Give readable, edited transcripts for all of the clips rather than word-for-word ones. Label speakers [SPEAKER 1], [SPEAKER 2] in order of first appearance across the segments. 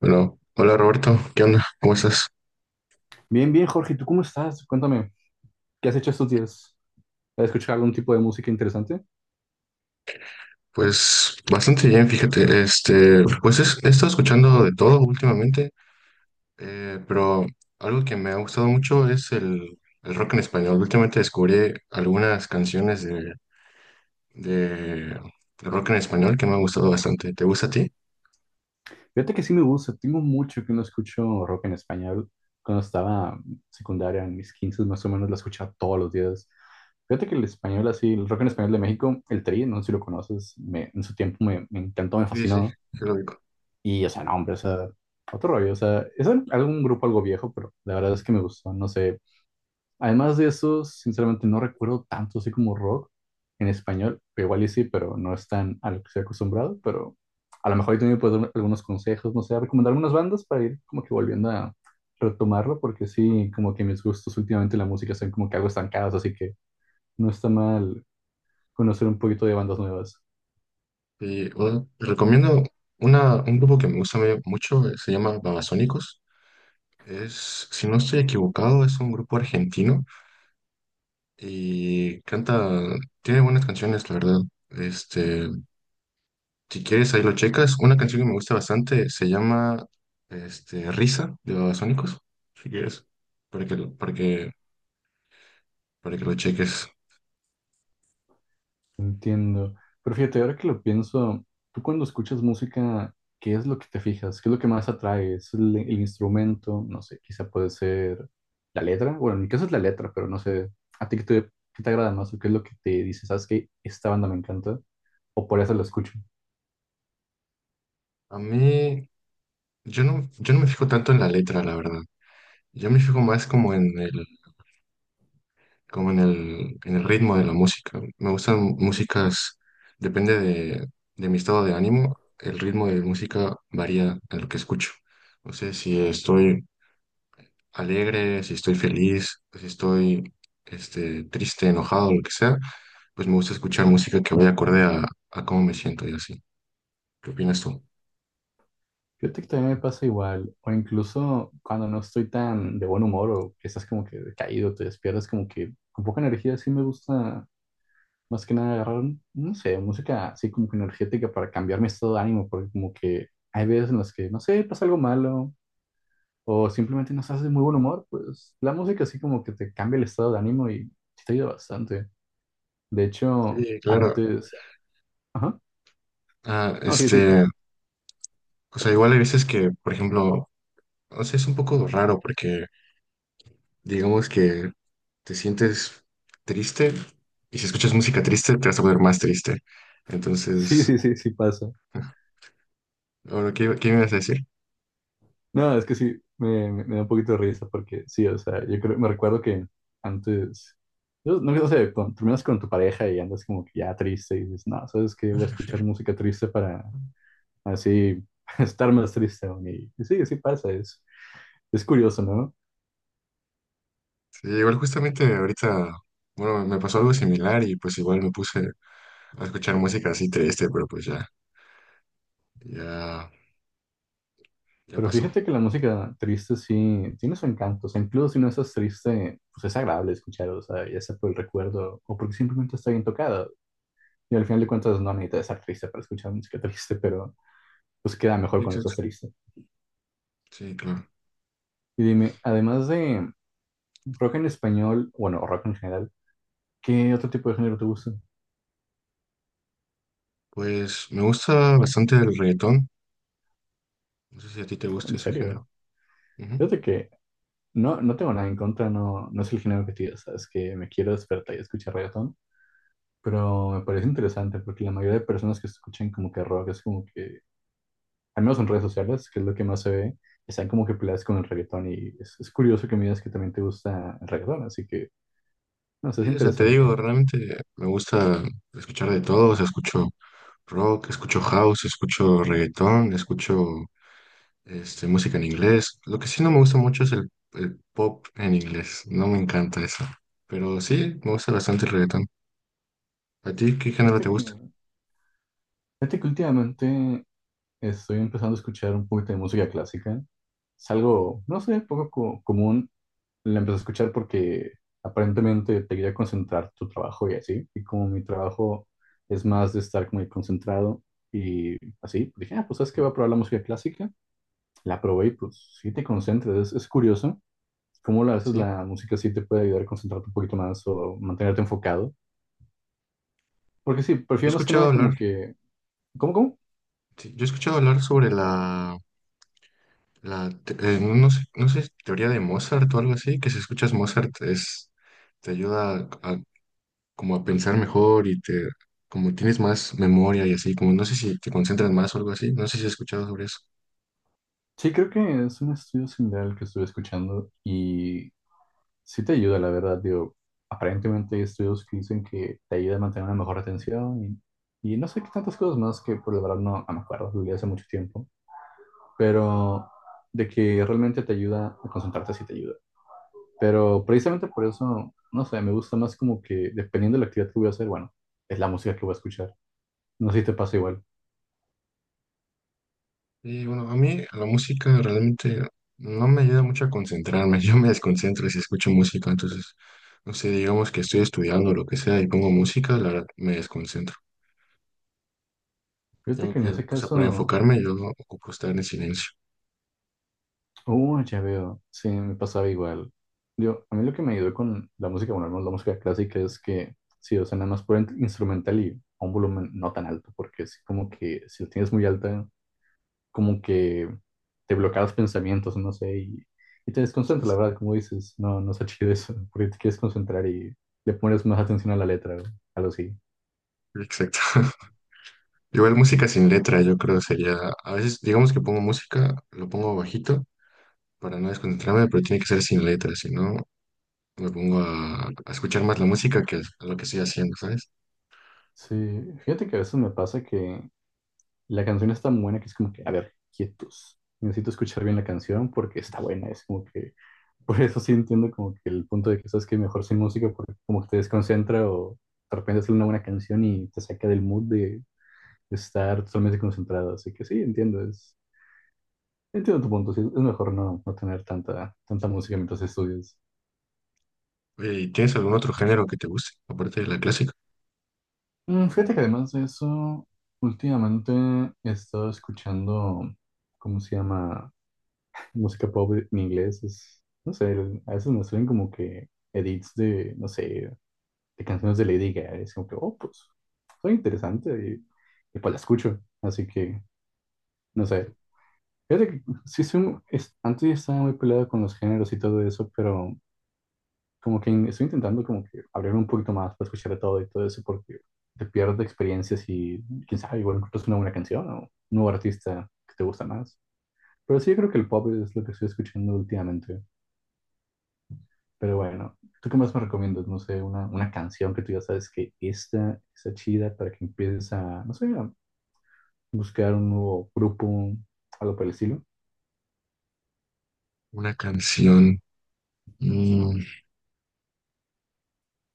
[SPEAKER 1] Bueno, hola Roberto, ¿qué onda? ¿Cómo estás?
[SPEAKER 2] Bien, bien, Jorge, ¿tú cómo estás? Cuéntame, ¿qué has hecho estos días? ¿Has escuchado algún tipo de música interesante?
[SPEAKER 1] Pues bastante bien, fíjate, pues he estado escuchando de todo últimamente, pero algo que me ha gustado mucho es el rock en español. Últimamente descubrí algunas canciones de rock en español que me han gustado bastante. ¿Te gusta a ti?
[SPEAKER 2] Fíjate que sí me gusta, tengo mucho que no escucho rock en español. Cuando estaba en secundaria, en mis 15 más o menos, la escuchaba todos los días. Fíjate que el español así, el rock en español de México, el Tri, no sé si lo conoces, en su tiempo me encantó, me
[SPEAKER 1] Sí, sí,
[SPEAKER 2] fascinó.
[SPEAKER 1] sí lo digo.
[SPEAKER 2] Y, o sea, no, hombre, o sea, otro rollo, o sea, es algún grupo algo viejo, pero la verdad es que me gustó, no sé. Además de eso, sinceramente no recuerdo tanto así como rock en español. Igual y sí, pero no es tan a lo que estoy acostumbrado. Pero a lo mejor ahí también puedes dar algunos consejos, no sé, recomendar algunas bandas para ir como que volviendo a retomarlo, porque sí, como que mis gustos últimamente en la música son como que algo estancados, así que no está mal conocer un poquito de bandas nuevas.
[SPEAKER 1] Y bueno, te recomiendo un grupo que me gusta mucho, se llama Babasónicos. Es, si no estoy equivocado, es un grupo argentino. Y canta, tiene buenas canciones, la verdad. Este, si quieres, ahí lo checas. Una canción que me gusta bastante se llama Risa de Babasónicos, si quieres, para que, lo- para que, para que lo cheques.
[SPEAKER 2] Entiendo. Pero fíjate, ahora que lo pienso, tú cuando escuchas música, ¿qué es lo que te fijas? ¿Qué es lo que más atrae? ¿Es el instrumento? No sé, quizá puede ser la letra. Bueno, en mi caso es la letra, pero no sé. ¿A ti qué te agrada más? ¿O qué es lo que te dice? ¿Sabes qué? Esta banda me encanta. O por eso la escucho.
[SPEAKER 1] A mí, yo no me fijo tanto en la letra, la verdad. Yo me fijo más como en como en en el ritmo de la música. Me gustan músicas, depende de, de mi estado de ánimo, el ritmo de música varía a lo que escucho. No sé si estoy alegre, si estoy feliz, si estoy triste, enojado, lo que sea, pues me gusta escuchar música que vaya acorde a cómo me siento y así. ¿Qué opinas tú?
[SPEAKER 2] Fíjate que también me pasa igual. O incluso cuando no estoy tan de buen humor o que estás como que caído, te despiertas como que con poca energía, sí me gusta. Más que nada agarrar, no sé, música así como que energética para cambiar mi estado de ánimo, porque como que hay veces en las que, no sé, pasa algo malo o simplemente no estás de muy buen humor, pues la música así como que te cambia el estado de ánimo y sí te ayuda bastante. De hecho,
[SPEAKER 1] Sí, claro.
[SPEAKER 2] antes... Ajá.
[SPEAKER 1] Ah,
[SPEAKER 2] No, sí, sí, sí.
[SPEAKER 1] este, o sea, igual hay veces que, por ejemplo, no sé, es un poco raro porque digamos que te sientes triste y si escuchas música triste te vas a poner más triste.
[SPEAKER 2] Sí,
[SPEAKER 1] Entonces,
[SPEAKER 2] sí, sí, sí pasa.
[SPEAKER 1] bueno, qué me ibas a decir?
[SPEAKER 2] No, es que sí, me da un poquito de risa porque sí, o sea, yo creo, me recuerdo que antes... Yo no, no sé, cuando terminas con tu pareja y andas como que ya triste y dices, no, ¿sabes qué? Voy a escuchar música triste para, así estar más triste aún. Y sí, sí pasa, es curioso, ¿no?
[SPEAKER 1] Sí, igual justamente ahorita, bueno, me pasó algo similar y pues igual me puse a escuchar música así triste, pero pues ya, ya, ya
[SPEAKER 2] Pero
[SPEAKER 1] pasó.
[SPEAKER 2] fíjate que la música triste sí tiene su encanto, o sea, incluso si no estás triste, pues es agradable escuchar, o sea, ya sea por el recuerdo o porque simplemente está bien tocada. Y al final de cuentas no necesitas estar triste para escuchar música triste, pero pues queda mejor cuando
[SPEAKER 1] Exacto.
[SPEAKER 2] estás triste.
[SPEAKER 1] Sí, claro.
[SPEAKER 2] Y dime, además de rock en español, bueno, rock en general, ¿qué otro tipo de género te gusta?
[SPEAKER 1] Pues me gusta bastante el reggaetón. No sé si a ti te gusta
[SPEAKER 2] En
[SPEAKER 1] ese
[SPEAKER 2] serio,
[SPEAKER 1] género. Ujú.
[SPEAKER 2] fíjate que no, no tengo nada en contra, no, no es el género que te digo, sabes que me quiero despertar y escuchar reggaetón, pero me parece interesante porque la mayoría de personas que escuchan como que rock es como que, al menos en redes sociales, que es lo que más se ve, están como que peleadas con el reggaetón y es curioso que me digas que también te gusta el reggaetón, así que, no sé, es
[SPEAKER 1] Sí, o sea, te
[SPEAKER 2] interesante.
[SPEAKER 1] digo, realmente me gusta escuchar de todo. O sea, escucho rock, escucho house, escucho reggaetón, escucho música en inglés. Lo que sí no me gusta mucho es el pop en inglés. No me encanta eso. Pero sí, me gusta bastante el reggaetón. ¿A ti qué género te
[SPEAKER 2] Fíjate que,
[SPEAKER 1] gusta?
[SPEAKER 2] fíjate que últimamente estoy empezando a escuchar un poquito de música clásica, es algo, no sé, poco común. La empecé a escuchar porque aparentemente te ayuda a concentrar tu trabajo y así. Y como mi trabajo es más de estar muy concentrado y así, pues dije, ah, pues sabes que voy a probar la música clásica. La probé y pues sí te concentras. Es curioso cómo a veces
[SPEAKER 1] Sí.
[SPEAKER 2] la música sí te puede ayudar a concentrarte un poquito más o mantenerte enfocado. Porque sí,
[SPEAKER 1] Yo he
[SPEAKER 2] prefiero más que
[SPEAKER 1] escuchado
[SPEAKER 2] nada
[SPEAKER 1] hablar.
[SPEAKER 2] como que... ¿Cómo, cómo?
[SPEAKER 1] Sí, yo he escuchado hablar sobre no sé, teoría de Mozart o algo así, que si escuchas Mozart es, te ayuda como a pensar mejor y como tienes más memoria y así, como no sé si te concentras más o algo así, no sé si has escuchado sobre eso.
[SPEAKER 2] Sí, creo que es un estudio similar al que estuve escuchando. Y sí te ayuda, la verdad, digo, aparentemente hay estudios que dicen que te ayuda a mantener una mejor retención y no sé qué tantas cosas más que por la verdad no, no me acuerdo, lo leí hace mucho tiempo, pero de que realmente te ayuda a concentrarte sí te ayuda. Pero precisamente por eso, no sé, me gusta más como que dependiendo de la actividad que voy a hacer, bueno, es la música que voy a escuchar. No sé si te pasa igual.
[SPEAKER 1] Y bueno, a mí la música realmente no me ayuda mucho a concentrarme, yo me desconcentro si escucho música, entonces, no sé, digamos que estoy estudiando o lo que sea y pongo música, la verdad me desconcentro.
[SPEAKER 2] Fíjate
[SPEAKER 1] Tengo
[SPEAKER 2] que en
[SPEAKER 1] que,
[SPEAKER 2] ese
[SPEAKER 1] pues, para
[SPEAKER 2] caso
[SPEAKER 1] enfocarme, yo no ocupo estar en silencio.
[SPEAKER 2] uh, ya veo. Sí, me pasaba igual. Yo, a mí lo que me ayudó con la música, bueno, al menos la música clásica es que sí, o sea, nada más por instrumental y a un volumen no tan alto, porque sí, como que si lo tienes muy alta, como que te bloqueas pensamientos, no sé, y te desconcentra, la verdad, como dices, no, no está chido eso, porque te quieres concentrar y le pones más atención a la letra, o algo así.
[SPEAKER 1] Exacto. Igual música sin letra, yo creo sería, a veces digamos que pongo música, lo pongo bajito para no desconcentrarme, pero tiene que ser sin letra, si no me pongo a escuchar más la música que a lo que estoy haciendo, ¿sabes?
[SPEAKER 2] Sí, fíjate que a veces me pasa que la canción es tan buena que es como que, a ver, quietos. Necesito escuchar bien la canción porque está buena, es como que por eso sí entiendo como que el punto de que sabes que mejor sin música porque como que te desconcentra o de repente sale una buena canción y te saca del mood de estar totalmente concentrado. Así que sí, entiendo, entiendo tu punto. Sí, es mejor no, no tener tanta
[SPEAKER 1] Sí.
[SPEAKER 2] música mientras estudias.
[SPEAKER 1] Oye, ¿y tienes algún otro género que te guste, aparte de la clásica?
[SPEAKER 2] Mm, fíjate que además de eso, últimamente he estado escuchando, ¿cómo se llama? Música pop en inglés. Es, no sé, a veces me salen como que edits de, no sé, de canciones de Lady Gaga. Es como que, oh, pues, soy interesante y pues la escucho. Así que, no sé. Fíjate que sí, es, antes estaba muy peleado con los géneros y todo eso, pero como que estoy intentando como que abrir un poquito más para escuchar de todo y todo eso, porque te pierdes experiencias y quién sabe, igual encuentras una buena canción o un nuevo artista que te gusta más. Pero sí, yo creo que el pop es lo que estoy escuchando últimamente. Pero bueno, ¿tú qué más me recomiendas? No sé, una canción que tú ya sabes que esta está chida para que empieces a, no sé, a buscar un nuevo grupo, algo por el estilo.
[SPEAKER 1] Una canción. Mm,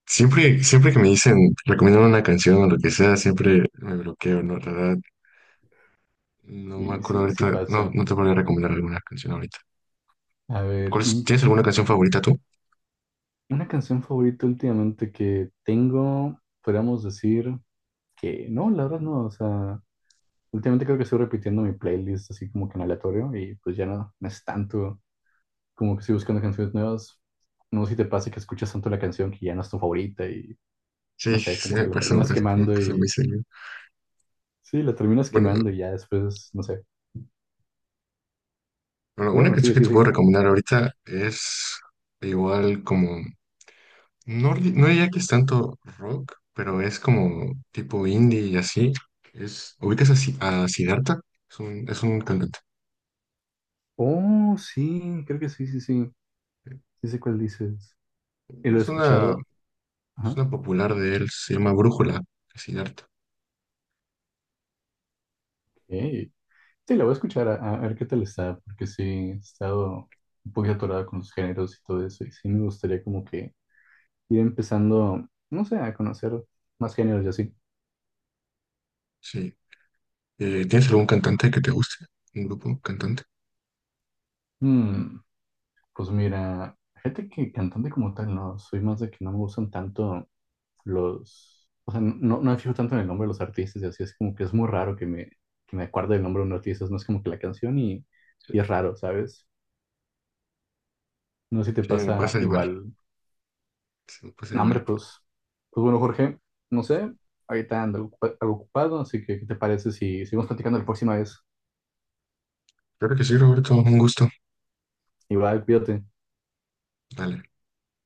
[SPEAKER 1] siempre, siempre que me dicen, recomiendan una canción o lo que sea, siempre me bloqueo, ¿no? La verdad, no me
[SPEAKER 2] Y
[SPEAKER 1] acuerdo
[SPEAKER 2] sí, sí
[SPEAKER 1] ahorita,
[SPEAKER 2] pasa.
[SPEAKER 1] no te podría recomendar alguna canción ahorita.
[SPEAKER 2] A ver,
[SPEAKER 1] ¿Cuál es-
[SPEAKER 2] ¿y
[SPEAKER 1] tienes
[SPEAKER 2] qué?
[SPEAKER 1] alguna canción favorita tú?
[SPEAKER 2] Una canción favorita últimamente que tengo, podríamos decir que no, la verdad no, o sea, últimamente creo que estoy repitiendo mi playlist así como que en aleatorio y pues ya no, no es tanto como que estoy buscando canciones nuevas. No sé si te pasa que escuchas tanto la canción que ya no es tu favorita y no
[SPEAKER 1] Sí,
[SPEAKER 2] sé, como que la terminas
[SPEAKER 1] sí me
[SPEAKER 2] quemando
[SPEAKER 1] pasó muy
[SPEAKER 2] y
[SPEAKER 1] seguido.
[SPEAKER 2] sí, la terminas
[SPEAKER 1] Bueno,
[SPEAKER 2] quemando y ya después, no sé.
[SPEAKER 1] bueno,
[SPEAKER 2] Pero
[SPEAKER 1] una
[SPEAKER 2] bueno,
[SPEAKER 1] canción
[SPEAKER 2] sí,
[SPEAKER 1] que
[SPEAKER 2] sí,
[SPEAKER 1] te
[SPEAKER 2] sí.
[SPEAKER 1] puedo recomendar ahorita es igual como, no diría que es tanto rock, pero es como tipo indie y así. Es, ubicas a, Si- a Siddhartha, es es un cantante.
[SPEAKER 2] Oh, sí, creo que sí, sí, sí. Sí sé cuál dices. Y lo he
[SPEAKER 1] Es una,
[SPEAKER 2] escuchado.
[SPEAKER 1] es
[SPEAKER 2] Ajá.
[SPEAKER 1] una popular de él, se llama Brújula, Siddhartha.
[SPEAKER 2] Ok. Sí, la voy a escuchar a ver qué tal está, porque sí, he estado un poquito atorada con los géneros y todo eso. Y sí me gustaría como que ir empezando, no sé, a conocer más géneros y así.
[SPEAKER 1] Sí. ¿Tienes algún cantante que te guste? ¿Un grupo cantante?
[SPEAKER 2] Mm, pues mira, fíjate que cantante como tal, no, soy más de que no me gustan tanto los, o sea, no, no me fijo tanto en el nombre de los artistas y así, es como que es muy raro que que me acuerde el nombre de un artista, no es como que la canción y es raro, ¿sabes? No sé si te
[SPEAKER 1] Sí, me
[SPEAKER 2] pasa
[SPEAKER 1] pasa igual,
[SPEAKER 2] igual.
[SPEAKER 1] sí, me pasa
[SPEAKER 2] No, hombre,
[SPEAKER 1] igual.
[SPEAKER 2] pues, pues bueno, Jorge, no sé, ahorita ando algo ocupado, así que ¿qué te parece si seguimos platicando la próxima vez?
[SPEAKER 1] Claro que sí, Roberto, un gusto.
[SPEAKER 2] Igual, cuídate.
[SPEAKER 1] Dale.